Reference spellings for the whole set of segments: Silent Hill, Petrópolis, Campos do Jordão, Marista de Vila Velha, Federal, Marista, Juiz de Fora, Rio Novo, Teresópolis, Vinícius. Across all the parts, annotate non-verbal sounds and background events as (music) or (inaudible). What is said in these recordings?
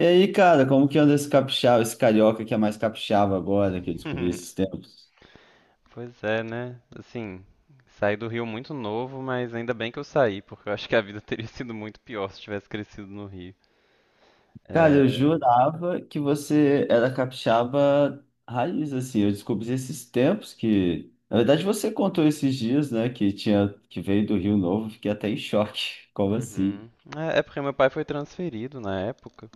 E aí, cara, como que anda esse capixaba, esse carioca que é mais capixaba agora, que eu descobri (laughs) esses tempos? Pois é, né? Assim, saí do Rio muito novo, mas ainda bem que eu saí, porque eu acho que a vida (laughs) teria sido muito pior se tivesse crescido no Rio. Cara, eu É... jurava que você era capixaba raiz, assim, eu descobri esses tempos que... Na verdade, você contou esses dias, né, que veio do Rio Novo, fiquei até em choque, (laughs) como assim? Uhum. É porque meu pai foi transferido na época.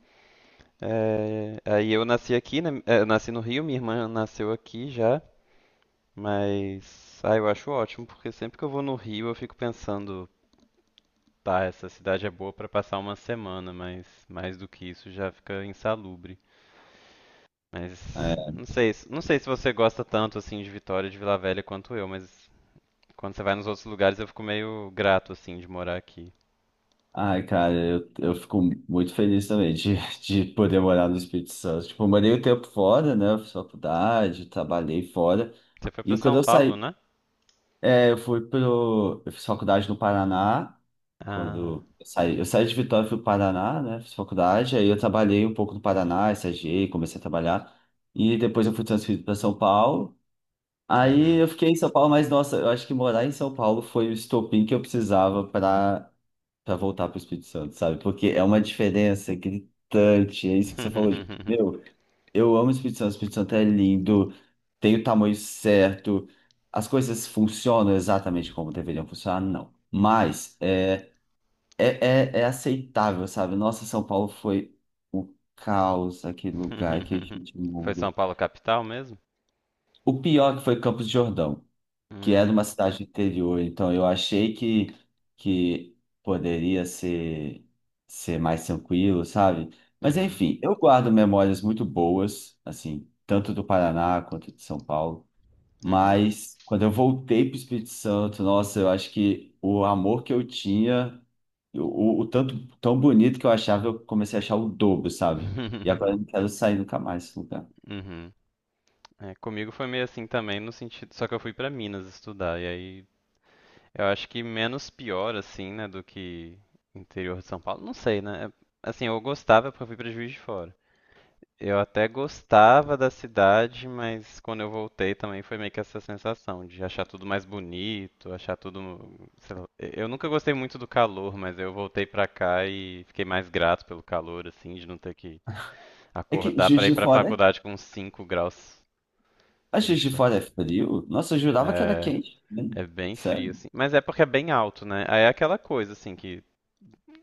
É, aí eu nasci aqui, né? É, eu nasci no Rio, minha irmã nasceu aqui já, mas eu acho ótimo, porque sempre que eu vou no Rio eu fico pensando, tá, essa cidade é boa pra passar uma semana, mas mais do que isso já fica insalubre. Mas É. não sei, não sei se você gosta tanto assim de Vitória e de Vila Velha quanto eu, mas quando você vai nos outros lugares eu fico meio grato assim de morar aqui. Ai, cara, eu fico muito feliz também de, (laughs) de poder morar no Espírito Santo. Tipo, eu morei o tempo fora, né, fiz faculdade, trabalhei fora, Você foi pra e São quando eu saí Paulo, né? É, eu fui pro. Eu fiz faculdade no Paraná, Ah, quando eu saí. Eu saí de Vitória, fui pro Paraná, né? Fiz faculdade, aí eu trabalhei um pouco no Paraná, estagiei, comecei a trabalhar. E depois eu fui transferido para São Paulo. Aí uhum. eu fiquei em São Paulo, mas nossa, eu acho que morar em São Paulo foi o estopim que eu precisava para voltar para o Espírito Santo, sabe? Porque é uma diferença gritante, é isso que você falou, de, meu, eu amo o Espírito Santo é lindo, tem o tamanho certo, as coisas funcionam exatamente como deveriam funcionar, não. Mas é aceitável, sabe? Nossa, São Paulo foi o caos, aquele lugar, aquele (laughs) gente Foi São mundo. Paulo capital mesmo? O pior é que foi Campos do Jordão que é de Hum, uma cidade do interior, então eu achei que poderia ser mais tranquilo, sabe? Mas uhum, enfim, eu guardo memórias muito boas, assim, tanto do Paraná quanto de São Paulo, uhum. mas quando eu voltei para o Espírito Santo, nossa, eu acho que o amor que eu tinha, o tanto tão bonito que eu achava, eu comecei a achar o dobro, sabe? E (laughs) agora eu não quero sair nunca mais desse lugar. Uhum. É, comigo foi meio assim também, no sentido, só que eu fui pra Minas estudar e aí eu acho que menos pior, assim, né, do que interior de São Paulo. Não sei, né? É... Assim, eu gostava porque eu fui pra Juiz de Fora. Eu até gostava da cidade, mas quando eu voltei também foi meio que essa sensação de achar tudo mais bonito, achar tudo, sei lá. Eu nunca gostei muito do calor, mas eu voltei pra cá e fiquei mais grato pelo calor, assim, de não ter que É que acordar Juiz pra ir de pra Fora é faculdade com 5 graus. A Juiz Juiz de de Fora. Fora é frio? Nossa, eu jurava que era É, quente, né? é bem frio, Sério? assim. Mas é porque é bem alto, né? Aí é aquela coisa, assim, que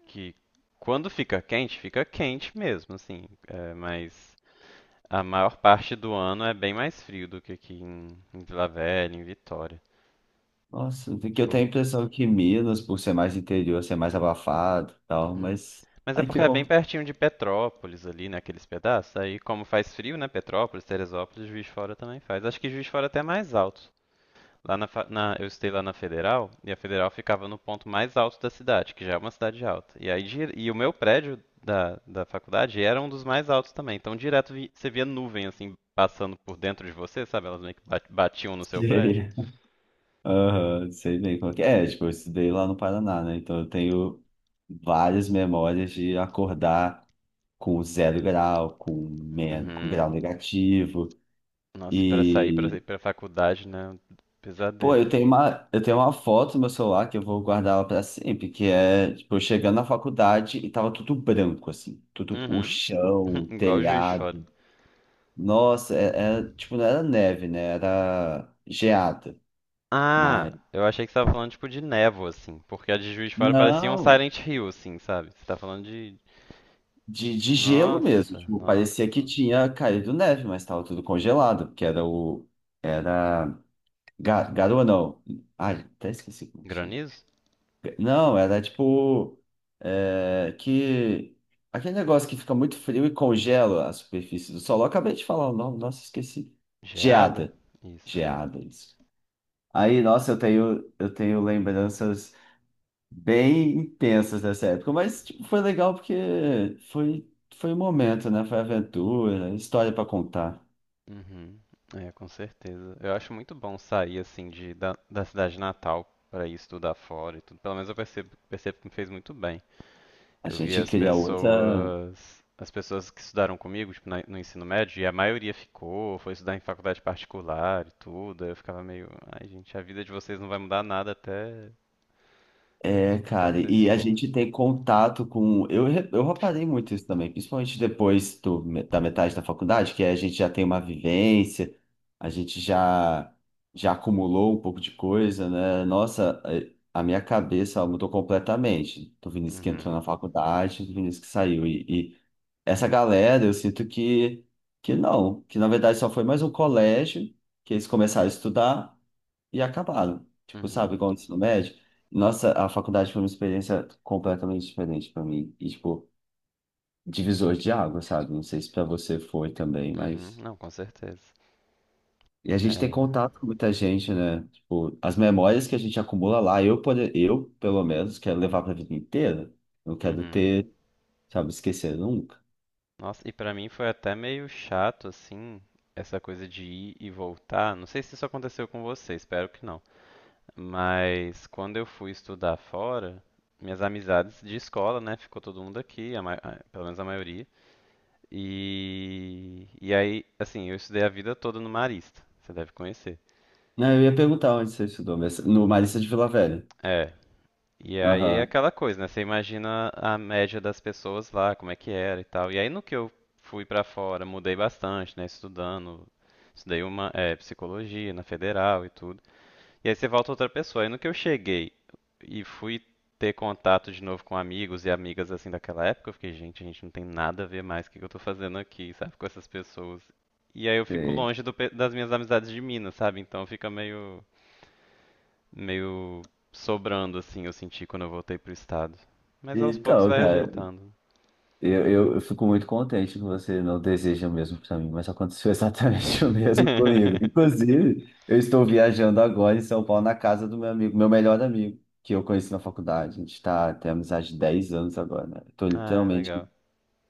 que quando fica quente mesmo, assim. É, mas a maior parte do ano é bem mais frio do que aqui em Vila Velha, em Vitória. Nossa, porque eu tenho Tipo, a impressão que Minas, por ser mais interior, ser mais abafado e tal, uhum. mas... Mas é Ai, que porque é bom. bem (laughs) pertinho de Petrópolis ali, né, aqueles pedaços. Aí como faz frio, né, Petrópolis, Teresópolis, Juiz de Fora também faz. Acho que Juiz de Fora até é mais alto. Lá na, fa- na- Eu estudei lá na Federal, e a Federal ficava no ponto mais alto da cidade, que já é uma cidade alta. E aí e o meu prédio da faculdade era um dos mais altos também. Então direto você via nuvem assim passando por dentro de você, sabe? Elas meio que batiam no seu prédio. Sei. Aham, sei bem como que é. É, tipo, eu estudei lá no Paraná, né? Então eu tenho várias memórias de acordar com zero grau, com Uhum. grau negativo. Nossa, e para sair para ir e para faculdade, né? Pô, Pesadelo. Eu tenho uma foto no meu celular que eu vou guardar ela pra sempre, que é, tipo, eu chegando na faculdade e tava tudo branco, assim, tudo, o Uhum. chão, o (laughs) Igual. telhado. Nossa, era, tipo, não era neve, né? Era geada, mas... Ah, eu achei que você tava falando tipo de névoa assim, porque a de Juiz de Fora parecia um Não, Silent Hill assim, sabe? Você tá falando de... de gelo mesmo, Nossa, tipo, nossa. parecia que tinha caído neve, mas tava tudo congelado, porque era o... Era... garoa, não. Ai, até esqueci como que chama. Granizo? Não, era tipo. É, que. Aquele negócio que fica muito frio e congela a superfície do solo. Eu acabei de falar o nome, nossa, esqueci. Geada? Geada. Isso. Geada, isso. Aí, nossa, eu tenho lembranças bem intensas dessa época, mas tipo, foi legal porque foi um momento, né? Foi aventura, história para contar. Uhum. É, com certeza. Eu acho muito bom sair assim de da, da cidade natal para ir estudar fora e tudo. Pelo menos eu percebo que me fez muito bem. A Eu vi gente cria outra. As pessoas que estudaram comigo, tipo, no ensino médio, e a maioria ficou, foi estudar em faculdade particular e tudo. Aí eu ficava meio, ai, gente, a vida de vocês não vai mudar nada É, até cara, vocês se e a forem. gente tem contato com. Eu, eu reparei muito isso também, principalmente depois do, da metade da faculdade, que a gente já tem uma vivência, a gente já, já acumulou um pouco de coisa, né? Nossa, a minha cabeça ela mudou completamente. Do Vinícius que entrou Uhum. na faculdade, do Vinícius que saiu. E essa galera, eu sinto que não, que na verdade só foi mais um colégio que eles começaram a estudar e acabaram. Tipo, sabe, Uhum. igual o ensino médio. Nossa, a faculdade foi uma experiência completamente diferente para mim. E, tipo, divisor de água, sabe? Não sei se para você foi também, Uhum. mas. Não, com certeza. E a gente tem É. contato com muita gente, né? Tipo, as memórias que a gente acumula lá, eu pelo menos, quero levar para a vida inteira. Não quero Uhum. ter, sabe, esquecer nunca. Nossa, e pra mim foi até meio chato, assim, essa coisa de ir e voltar. Não sei se isso aconteceu com você, espero que não. Mas quando eu fui estudar fora, minhas amizades de escola, né, ficou todo mundo aqui, pelo menos a maioria. E aí, assim, eu estudei a vida toda no Marista, você deve conhecer. Não, eu ia perguntar onde você estudou, mas no Marista de Vila Velha. É, e aí é Aham. aquela coisa, né? Você imagina a média das pessoas lá, como é que era e tal. E aí no que eu fui pra fora, mudei bastante, né? Estudando, estudei uma é, psicologia na federal e tudo. E aí você volta outra pessoa. Aí no que eu cheguei e fui ter contato de novo com amigos e amigas assim daquela época, eu fiquei, gente, a gente não tem nada a ver mais, o que que eu tô fazendo aqui, sabe, com essas pessoas. E aí eu fico Sei. longe das minhas amizades de Minas, sabe? Então fica meio sobrando, assim, eu senti quando eu voltei pro estado. Mas aos poucos Então, vai cara. ajeitando. Eu fico muito contente que você não deseja o mesmo para mim, mas aconteceu exatamente (laughs) o mesmo comigo. (laughs) Inclusive, eu estou viajando agora em São Paulo na casa do meu amigo, meu melhor amigo, que eu conheci na faculdade. A gente está tem amizade de 10 anos agora, né? Estou Ah, legal. literalmente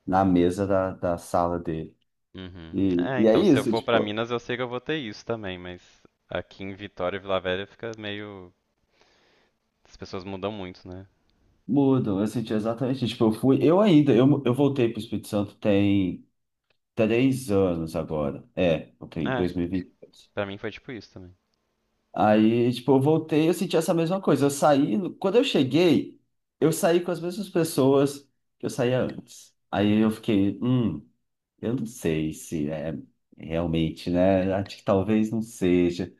na mesa da sala dele. Uhum. É, E é então, se eu isso, for pra tipo, Minas, eu sei que eu vou ter isso também, mas aqui em Vitória e Vila Velha fica meio... As pessoas mudam muito, né? mudam. Eu senti exatamente, tipo, eu fui, eu ainda, eu voltei para o Espírito Santo tem 3 anos agora. É, ok, É, 2020. pra mim foi tipo isso também. Aí, tipo, eu voltei, e eu senti essa mesma coisa. Eu saí, quando eu cheguei, eu saí com as mesmas pessoas que eu saía antes. Aí eu fiquei, eu não sei se é realmente, né? Acho que talvez não seja.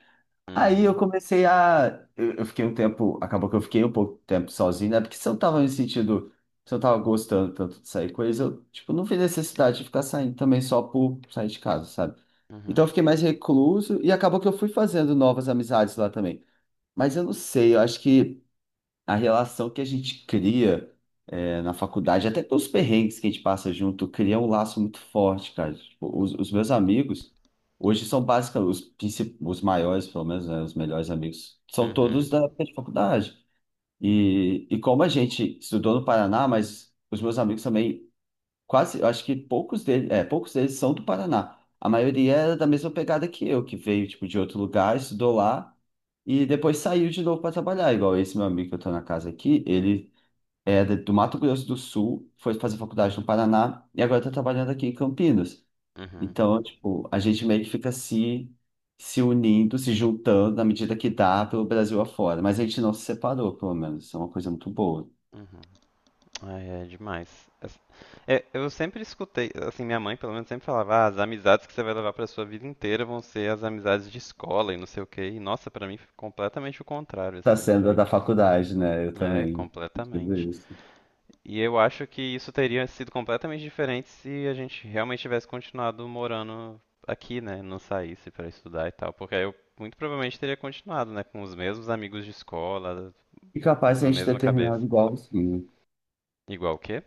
Aí eu Uhum, comecei a. Eu fiquei um tempo, acabou que eu fiquei um pouco tempo sozinho, né? Porque se eu tava me sentindo, se eu tava gostando tanto de sair com eles, eu, tipo, não vi necessidade de ficar saindo também só por sair de casa, sabe? Então uhum, eu fiquei mais recluso e acabou que eu fui fazendo novas amizades lá também. Mas eu não sei, eu acho que a relação que a gente cria na faculdade, até pelos perrengues que a gente passa junto, cria um laço muito forte, cara. Tipo, os meus amigos, hoje são basicamente os, os maiores, pelo menos, né, os melhores amigos, são uhum, todos da faculdade. E como a gente estudou no Paraná, mas os meus amigos também Quase, eu acho que poucos deles, é, poucos deles são do Paraná. A maioria era da mesma pegada que eu, que veio, tipo, de outro lugar, estudou lá e depois saiu de novo para trabalhar. Igual esse meu amigo que eu tô na casa aqui, ele do Mato Grosso do Sul, foi fazer faculdade no Paraná e agora tá trabalhando aqui em Campinas. uhum, Então, tipo, a gente meio que fica se, se unindo, se juntando na medida que dá pelo Brasil afora. Mas a gente não se separou, pelo menos. Isso é uma coisa muito boa. uhum. Ai, é demais. As... é, eu sempre escutei, assim, minha mãe pelo menos sempre falava, ah, as amizades que você vai levar pra sua vida inteira vão ser as amizades de escola e não sei o quê. E nossa, pra mim foi completamente o contrário, Tá assim, sendo a de, da faculdade, né? Eu é, também. Tudo completamente. isso. E eu acho que isso teria sido completamente diferente se a gente realmente tivesse continuado morando aqui, né, não saísse pra estudar e tal, porque aí eu muito provavelmente teria continuado, né, com os mesmos amigos de escola, E capaz de na a gente ter mesma cabeça. terminado igualzinho. Igual o quê?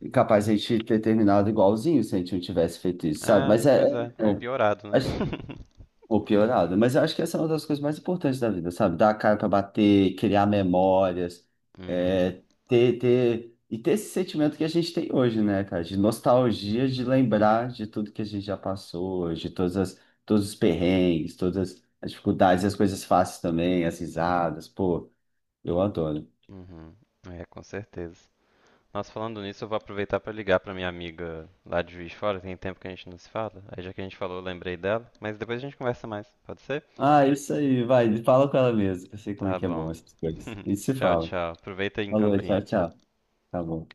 E capaz de a gente ter terminado igualzinho se a gente não tivesse feito isso, sabe? É, Mas pois é. Ou é, piorado, né? acho- (laughs) ou piorado. Mas eu acho que essa é uma das coisas mais importantes da vida, sabe? Dar a cara pra bater, criar memórias, Uhum, ter, e ter esse sentimento que a gente tem hoje, né, cara? De nostalgia, de lembrar de tudo que a gente já passou, todos os perrengues, todas as dificuldades, as coisas fáceis também, as risadas. Pô, eu adoro. uhum. É, com certeza. Nossa, falando nisso, eu vou aproveitar pra ligar pra minha amiga lá de Juiz de Fora. Tem tempo que a gente não se fala. Aí já que a gente falou, eu lembrei dela. Mas depois a gente conversa mais, pode ser? Ah, isso aí, vai, fala com ela mesmo, que eu sei como é Tá que é bom bom. essas coisas. A (laughs) gente se Tchau, fala. tchau. Aproveita aí em Falou, tchau, Campinas. tchau. Tá bom.